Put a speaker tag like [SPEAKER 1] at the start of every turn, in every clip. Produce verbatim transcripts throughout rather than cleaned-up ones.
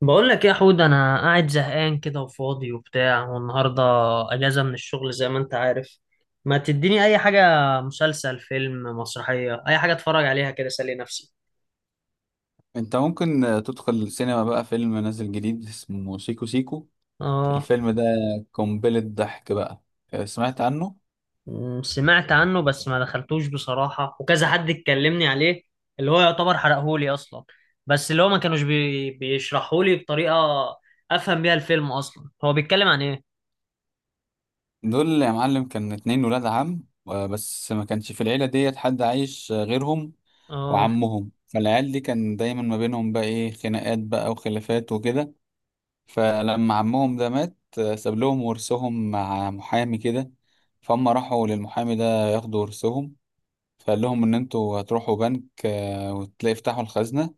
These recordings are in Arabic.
[SPEAKER 1] بقول لك إيه يا حود، انا قاعد زهقان كده وفاضي وبتاع. والنهارده اجازه من الشغل زي ما انت عارف. ما تديني اي حاجه، مسلسل، فيلم، مسرحيه، اي حاجه اتفرج عليها كده اسلي نفسي.
[SPEAKER 2] انت ممكن آه، تدخل السينما بقى. فيلم نازل جديد اسمه سيكو سيكو.
[SPEAKER 1] اه.
[SPEAKER 2] الفيلم ده قنبلة ضحك بقى. آه، سمعت عنه.
[SPEAKER 1] م، سمعت عنه بس ما دخلتوش بصراحه، وكذا حد اتكلمني عليه اللي هو يعتبر حرقهولي اصلا. بس اللي هو ما كانوش بي... بيشرحهولي بطريقه افهم بيها الفيلم اصلا. هو بيتكلم عن ايه؟
[SPEAKER 2] دول يا معلم كان اتنين ولاد عم، آه، بس ما كانش في العيلة ديت حد عايش آه، غيرهم.
[SPEAKER 1] اه.
[SPEAKER 2] وعمهم، فالعيال دي كان دايما ما بينهم بقى ايه خناقات بقى وخلافات وكده. فلما عمهم ده مات، آه، ساب لهم ورثهم مع محامي كده. فهم راحوا للمحامي ده ياخدوا ورثهم. فقال لهم ان انتوا هتروحوا بنك آه، وتلاقي فتحوا الخزنة،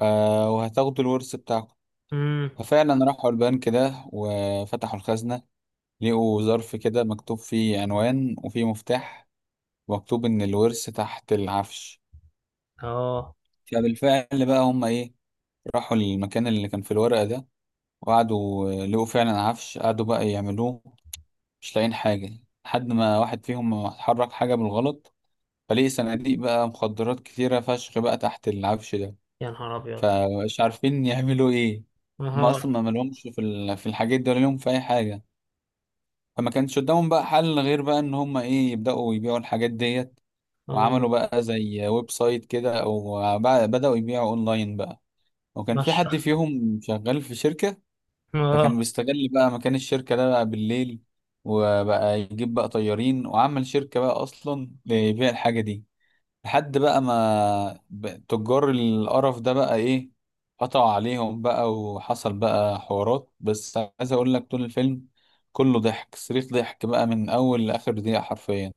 [SPEAKER 2] آه، وهتاخدوا الورث بتاعكم.
[SPEAKER 1] امم.
[SPEAKER 2] ففعلا راحوا البنك ده وفتحوا الخزنة. لقوا ظرف كده مكتوب فيه عنوان وفيه مفتاح، ومكتوب إن الورث تحت العفش.
[SPEAKER 1] اه.
[SPEAKER 2] فبالفعل بقى هم إيه، راحوا للمكان اللي كان في الورقة ده، وقعدوا، آه، لقوا فعلا عفش قعدوا بقى يعملوه. مش لاقيين حاجة، لحد ما واحد فيهم حرك حاجة بالغلط فلقي صناديق بقى مخدرات كتيرة فشخ بقى تحت العفش ده.
[SPEAKER 1] يا نهار ابيض.
[SPEAKER 2] فمش عارفين يعملوا ايه. هم
[SPEAKER 1] اه.
[SPEAKER 2] اصلا ما مالهمش في ال- في الحاجات دي ولا لهم في اي حاجه. فما كانش قدامهم بقى حل غير بقى ان هم ايه يبداوا يبيعوا الحاجات ديت. وعملوا
[SPEAKER 1] اه.
[SPEAKER 2] بقى زي ويب سايت كده، او بقى- بداوا يبيعوا اونلاين بقى. وكان في
[SPEAKER 1] ماشي.
[SPEAKER 2] حد فيهم شغال في شركه،
[SPEAKER 1] اه.
[SPEAKER 2] فكان بيستغل بقى مكان الشركه ده بقى بالليل، وبقى يجيب بقى طيارين وعمل شركه بقى اصلا لبيع الحاجه دي. لحد بقى ما ب- تجار القرف ده بقى ايه قطعوا عليهم بقى وحصل بقى حوارات. بس عايز اقول لك طول الفيلم كله ضحك، صريخ ضحك بقى من اول لاخر دقيقة حرفيا.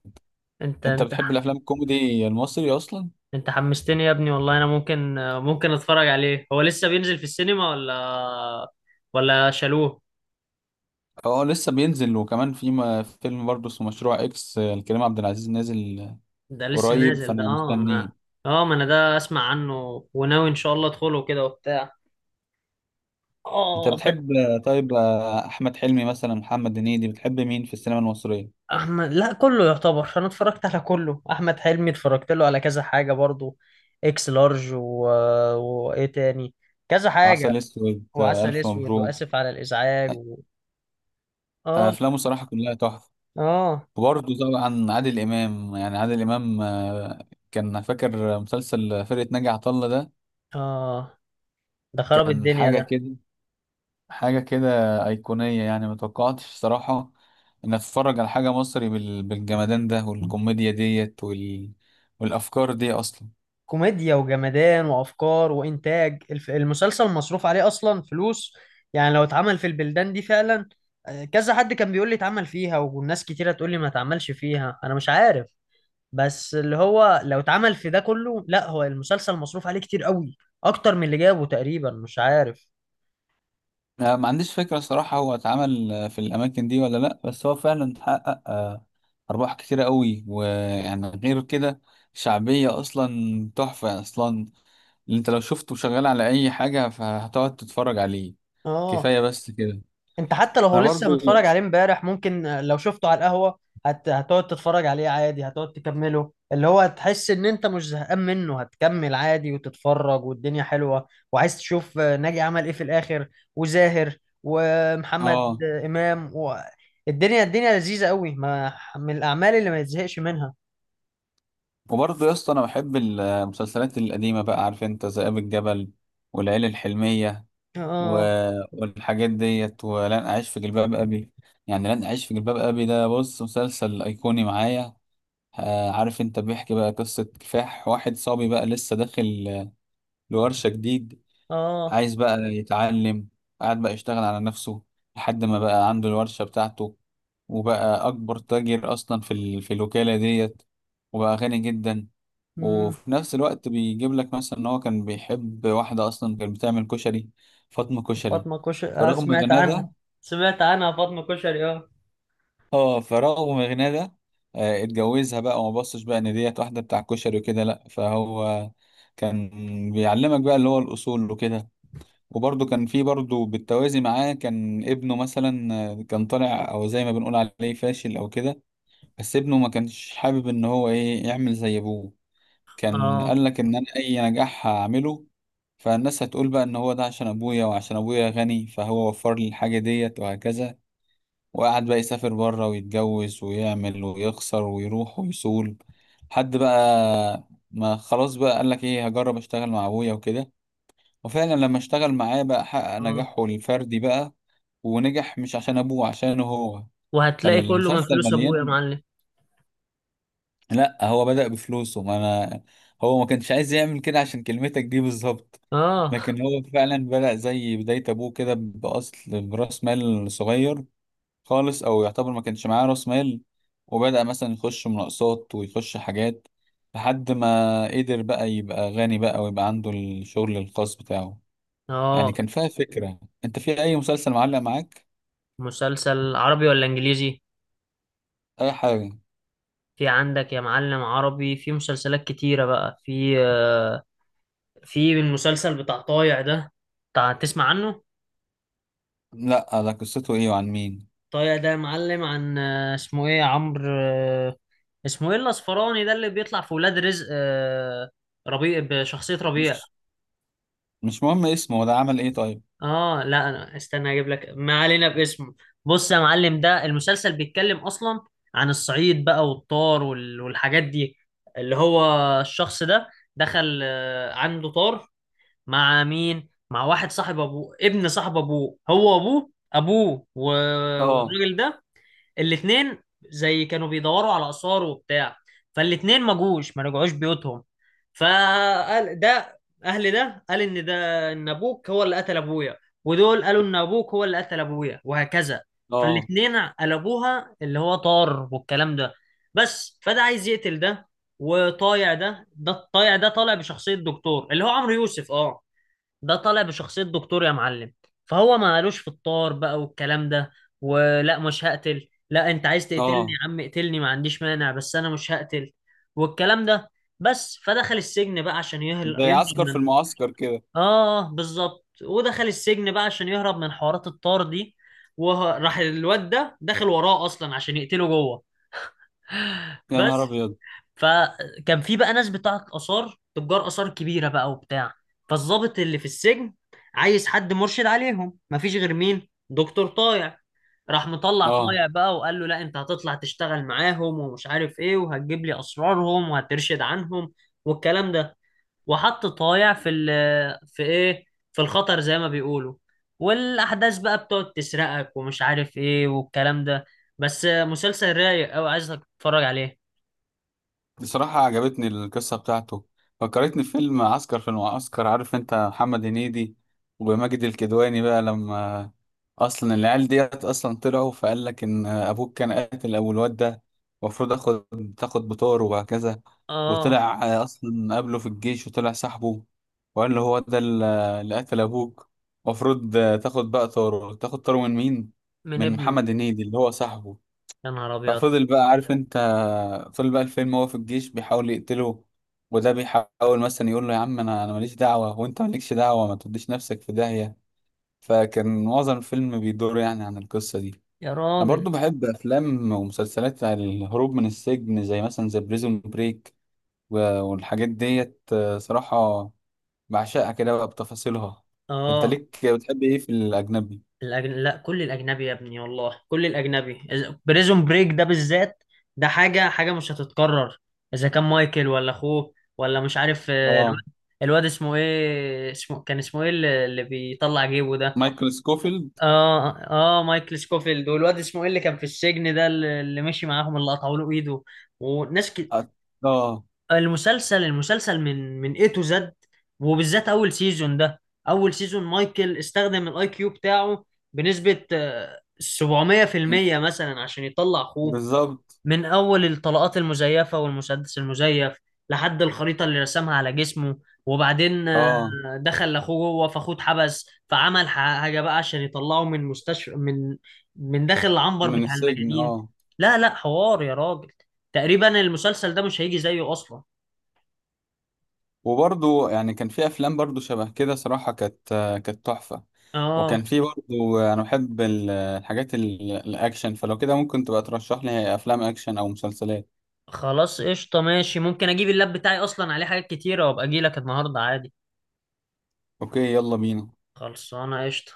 [SPEAKER 1] انت
[SPEAKER 2] انت
[SPEAKER 1] انت
[SPEAKER 2] بتحب الافلام الكوميدي المصري اصلا؟
[SPEAKER 1] انت حمستني يا ابني والله. انا ممكن ممكن اتفرج عليه. هو لسه بينزل في السينما ولا ولا شالوه؟
[SPEAKER 2] اه لسه بينزل. وكمان في م- فيلم برضه اسمه مشروع اكس، آه، لكريم عبد العزيز نازل
[SPEAKER 1] ده لسه
[SPEAKER 2] قريب
[SPEAKER 1] نازل ده،
[SPEAKER 2] فانا
[SPEAKER 1] اه،
[SPEAKER 2] مستنيه.
[SPEAKER 1] ما اه، ما انا ده اسمع عنه وناوي ان شاء الله ادخله كده وبتاع.
[SPEAKER 2] انت
[SPEAKER 1] اه ب-
[SPEAKER 2] بتحب آه، طيب، آه، احمد حلمي مثلا؟ محمد هنيدي؟ بتحب مين في السينما المصرية؟
[SPEAKER 1] احمد، لا، كله يعتبر. انا اتفرجت على كله. احمد حلمي اتفرجت له على كذا حاجة برضو، اكس لارج و... وايه تاني، كذا حاجة.
[SPEAKER 2] عسل اسود، آه،
[SPEAKER 1] وعسل
[SPEAKER 2] الف
[SPEAKER 1] اسود
[SPEAKER 2] مبروك.
[SPEAKER 1] واسف على الازعاج و... اه.
[SPEAKER 2] افلامه صراحه كلها تحفه.
[SPEAKER 1] اه.
[SPEAKER 2] وبرضه طبعا عادل امام، يعني عادل امام. آه، كان فاكر مسلسل فرقه ناجي عطا الله ده؟
[SPEAKER 1] اه. ده خرب
[SPEAKER 2] كان
[SPEAKER 1] الدنيا
[SPEAKER 2] حاجه
[SPEAKER 1] ده.
[SPEAKER 2] كده، حاجه كده، ايقونيه. يعني ما توقعتش صراحه ان اتفرج على حاجه مصري بال- بالجمدان ده والكوميديا ديت وال... والافكار دي اصلا.
[SPEAKER 1] كوميديا وجمدان وافكار وانتاج. الف- المسلسل مصروف عليه اصلا فلوس يعني. لو اتعمل في البلدان دي فعلا. آه، كذا حد كان بيقول لي اتعمل فيها، والناس كتيرة تقول لي ما اتعملش فيها، انا مش عارف. بس اللي هو لو اتعمل في ده كله، لا، هو المسلسل مصروف عليه كتير قوي، اكتر من اللي جابه تقريبا، مش عارف.
[SPEAKER 2] آه، ما عنديش فكره صراحه هو اتعمل آه، في الاماكن دي ولا لا، بس هو فعلا حقق آه، ارباح كتيره قوي. ويعني غير كده شعبيه اصلا تحفه اصلا. اللي انت لو شفته شغال على اي حاجة فهتقعد تتفرج عليه.
[SPEAKER 1] اه.
[SPEAKER 2] كفاية بس كده.
[SPEAKER 1] انت حتى لو هو
[SPEAKER 2] انا
[SPEAKER 1] لسه
[SPEAKER 2] برضو.
[SPEAKER 1] متفرج عليه امبارح، ممكن آه، لو شفته على القهوة، هت... هتقعد تتفرج عليه عادي، هتقعد تكمله، اللي هو هتحس ان انت مش زهقان منه، هتكمل عادي وتتفرج. والدنيا حلوة وعايز تشوف آه، ناجي عمل ايه في الاخر، وزاهر ومحمد
[SPEAKER 2] اه.
[SPEAKER 1] آه، امام و... الدنيا الدنيا لذيذة قوي. ما من الاعمال اللي ما يتزهقش منها.
[SPEAKER 2] وبرضو يا اسطى، انا بحب المسلسلات القديمة بقى. عارف انت ذئاب الجبل، والعيله الحلمية و...
[SPEAKER 1] اه.
[SPEAKER 2] والحاجات ديت، ولن اعيش في جلباب ابي. يعني لن اعيش في جلباب ابي ده، بص، مسلسل ايقوني معايا. آه عارف انت، بيحكي بقى قصة كفاح واحد صبي بقى لسه داخل لورشة جديد.
[SPEAKER 1] اه.
[SPEAKER 2] عايز بقى يتعلم، قعد بقى يشتغل على نفسه لحد ما بقى عنده الورشة بتاعته، وبقى أكبر تاجر أصلا في ال... في الوكالة ديت، وبقى غني جدا.
[SPEAKER 1] مم.
[SPEAKER 2] وفي نفس الوقت بيجيب لك مثلا إن هو كان بيحب واحدة أصلا كانت بتعمل كشري، فاطمة كشري.
[SPEAKER 1] فاطمة كشري، آه،
[SPEAKER 2] فرغم
[SPEAKER 1] سمعت
[SPEAKER 2] غناه
[SPEAKER 1] عنها.
[SPEAKER 2] ده،
[SPEAKER 1] سمعت عنها فاطمة كشري، اه.
[SPEAKER 2] اه فرغم غناه ده، آه، اتجوزها بقى وما بصش بقى إن ديت واحدة بتاع كشري وكده لأ. فهو كان بيعلمك بقى اللي هو الأصول وكده. وبرضه كان في برضه بالتوازي معاه كان ابنه مثلا، آه، كان طالع، او زي ما بنقول عليه فاشل او كده. بس ابنه ما كانش حابب ان هو ايه يعمل زي ابوه. كان
[SPEAKER 1] اه.
[SPEAKER 2] قال لك ان انا اي نجاح هعمله فالناس هتقول بقى ان هو ده عشان ابويا، وعشان ابويا غني فهو وفر لي الحاجة ديت وهكذا. وقعد بقى يسافر بره ويتجوز ويعمل ويخسر ويروح ويصول حد بقى ما خلاص بقى قال لك ايه، هجرب اشتغل مع ابويا وكده. وفعلا لما اشتغل معاه بقى حقق
[SPEAKER 1] آه.
[SPEAKER 2] نجاحه الفردي بقى، ونجح مش عشان ابوه، عشانه هو.
[SPEAKER 1] وهتلاقي كله من
[SPEAKER 2] فالمسلسل
[SPEAKER 1] فلوس ابويا يا
[SPEAKER 2] مليان.
[SPEAKER 1] معلم.
[SPEAKER 2] لا هو بدأ بفلوسه، ما انا هو ما كانش عايز يعمل كده عشان كلمتك دي بالظبط.
[SPEAKER 1] اه.
[SPEAKER 2] لكن هو فعلا بدأ زي بداية ابوه كده، بأصل برأس مال صغير خالص، او يعتبر ما كانش معاه رأس مال. وبدأ مثلا يخش مناقصات ويخش حاجات لحد ما قدر بقى يبقى غني بقى ويبقى عنده الشغل الخاص بتاعه. يعني
[SPEAKER 1] اه.
[SPEAKER 2] كان فيها فكرة. انت في اي مسلسل معلق معاك؟
[SPEAKER 1] مسلسل عربي ولا انجليزي؟
[SPEAKER 2] اي حاجة.
[SPEAKER 1] في عندك يا معلم عربي، في مسلسلات كتيرة بقى. في آه، في المسلسل بتاع طايع ده، بتاع تسمع عنه؟
[SPEAKER 2] لا، ده قصته ايه وعن مين؟
[SPEAKER 1] طايع ده يا معلم عن آه، اسمه ايه، عمرو، آه، اسمه ايه الاصفراني ده اللي بيطلع في ولاد رزق، آه، ربيع، بشخصية ربيع.
[SPEAKER 2] مش مش مهم اسمه، ده عمل ايه طيب؟
[SPEAKER 1] اه، لا، انا استنى اجيب لك، ما علينا باسمه. بص يا معلم، ده المسلسل بيتكلم اصلا عن الصعيد بقى والطار وال- والحاجات دي. اللي هو الشخص ده دخل، آه، عنده طار مع مين؟ مع واحد صاحب ابوه، ابن صاحب ابوه، هو ابوه ابوه و-
[SPEAKER 2] اه،
[SPEAKER 1] والراجل ده، الاتنين زي كانوا بيدوروا على آثار وبتاع. فالاتنين ما جوش، ما رجعوش بيوتهم. فقال ده، أهل ده قال إن ده إن أبوك هو اللي قتل أبويا، ودول قالوا إن أبوك هو اللي قتل أبويا وهكذا.
[SPEAKER 2] اه،
[SPEAKER 1] فالاتنين قلبوها اللي هو طار والكلام ده. بس فده عايز يقتل ده. وطايع ده ده الطايع ده طالع بشخصية دكتور، اللي هو عمرو يوسف، اه، ده طالع بشخصية دكتور يا معلم. فهو ما قالوش، في الطار بقى والكلام ده، ولا، مش هقتل. لا، انت عايز تقتلني يا
[SPEAKER 2] اه.
[SPEAKER 1] عم اقتلني، ما عنديش مانع، بس انا مش هقتل والكلام ده. بس فدخل السجن بقى عشان يهل...
[SPEAKER 2] زي
[SPEAKER 1] يهرب
[SPEAKER 2] عسكر في
[SPEAKER 1] من،
[SPEAKER 2] المعسكر كده.
[SPEAKER 1] اه، بالظبط، ودخل السجن بقى عشان يهرب من حوارات الطار دي. وراح الواد ده داخل وراه اصلا عشان يقتله جوه.
[SPEAKER 2] يا نهار
[SPEAKER 1] بس
[SPEAKER 2] ابيض.
[SPEAKER 1] فكان في بقى ناس بتاعت آثار، تجار آثار كبيرة بقى وبتاع. فالضابط اللي في السجن عايز حد مرشد عليهم، مفيش غير مين؟ دكتور طايع. راح مطلع
[SPEAKER 2] اه.
[SPEAKER 1] طايع بقى وقال له: لا، انت هتطلع تشتغل معاهم ومش عارف ايه، وهتجيب لي اسرارهم وهترشد عنهم والكلام ده. وحط طايع في ال، في ايه، في الخطر زي ما بيقولوا. والاحداث بقى بتقعد تسرقك ومش عارف ايه والكلام ده. بس مسلسل رايق قوي، عايزك تتفرج عليه.
[SPEAKER 2] بصراحة عجبتني القصة بتاعته، فكرتني في فيلم عسكر في المعسكر. عارف انت محمد هنيدي وماجد الكدواني بقى، لما اصلا العيال ديت اصلا طلعوا فقال لك ان ابوك كان قاتل ابو الواد ده، المفروض اخد تاخد بطار وهكذا.
[SPEAKER 1] اه.
[SPEAKER 2] وطلع اصلا قابله في الجيش وطلع صاحبه، وقال له هو ده اللي قتل ابوك. المفروض تاخد بقى طاره. تاخد طاره من مين؟
[SPEAKER 1] من
[SPEAKER 2] من
[SPEAKER 1] ابنه.
[SPEAKER 2] محمد هنيدي اللي هو صاحبه.
[SPEAKER 1] يا نهار ابيض.
[SPEAKER 2] ففضل بقى عارف انت، فضل بقى الفيلم هو في الجيش بيحاول يقتله. وده بيحاول مثلا يقول له يا عم، انا انا ماليش دعوة وانت مالكش دعوة، ما تديش نفسك في داهية. فكان معظم الفيلم بيدور يعني عن القصة دي.
[SPEAKER 1] يا
[SPEAKER 2] انا برضو
[SPEAKER 1] راجل.
[SPEAKER 2] بحب افلام ومسلسلات عن الهروب من السجن، زي مثلا زي بريزون بريك والحاجات ديت. آه، صراحة بعشقها كده بقى بتفاصيلها. انت
[SPEAKER 1] اه.
[SPEAKER 2] ليك بتحب ايه في الاجنبي؟
[SPEAKER 1] الأجن... لا، كل الاجنبي يا ابني والله. كل الاجنبي. بريزون بريك ده بالذات، ده حاجه حاجه مش هتتكرر. اذا كان مايكل ولا اخوه، ولا مش عارف، آه، الواد،
[SPEAKER 2] اه.
[SPEAKER 1] الواد اسمه ايه، اسمه كان اسمه ايه اللي اللي بيطلع جيبه ده.
[SPEAKER 2] مايكل سكوفيلد.
[SPEAKER 1] اه، اه، آه، مايكل سكوفيلد. والواد اسمه ايه اللي كان في السجن ده، اللي اللي مشي معاهم، اللي قطعوا له ايده، وناس
[SPEAKER 2] اه.
[SPEAKER 1] ك...
[SPEAKER 2] آه،
[SPEAKER 1] المسلسل المسلسل من من اي تو زد. وبالذات اول سيزون ده. اول سيزون مايكل استخدم الاي كيو بتاعه بنسبة آه، سبعمية في المية مثلا عشان يطلع اخوه.
[SPEAKER 2] بالظبط.
[SPEAKER 1] من اول الطلقات المزيفة والمسدس المزيف، لحد الخريطة اللي رسمها على جسمه. وبعدين آه،
[SPEAKER 2] اه.
[SPEAKER 1] دخل لاخوه جوه، فاخوه اتحبس فعمل ح- حاجة بقى عشان يطلعه من مستشفى، من من داخل العنبر
[SPEAKER 2] من
[SPEAKER 1] بتاع
[SPEAKER 2] السجن،
[SPEAKER 1] المجانين.
[SPEAKER 2] اه.
[SPEAKER 1] لا لا، حوار يا راجل. تقريبا المسلسل ده مش هيجي زيه اصلا.
[SPEAKER 2] وبرضو يعني كان في افلام برضو شبه كده صراحة كانت كانت تحفة.
[SPEAKER 1] اه.
[SPEAKER 2] وكان في برضو، انا بحب ال- الحاجات ال- الاكشن. فلو كده ممكن تبقى ترشح لي افلام اكشن او مسلسلات.
[SPEAKER 1] خلاص، قشطة، ماشي. ممكن اجيب اللاب بتاعي اصلا عليه حاجات كتيرة، وابقى اجي لك النهاردة عادي.
[SPEAKER 2] اوكي، يلا بينا.
[SPEAKER 1] خلصانة، قشطة.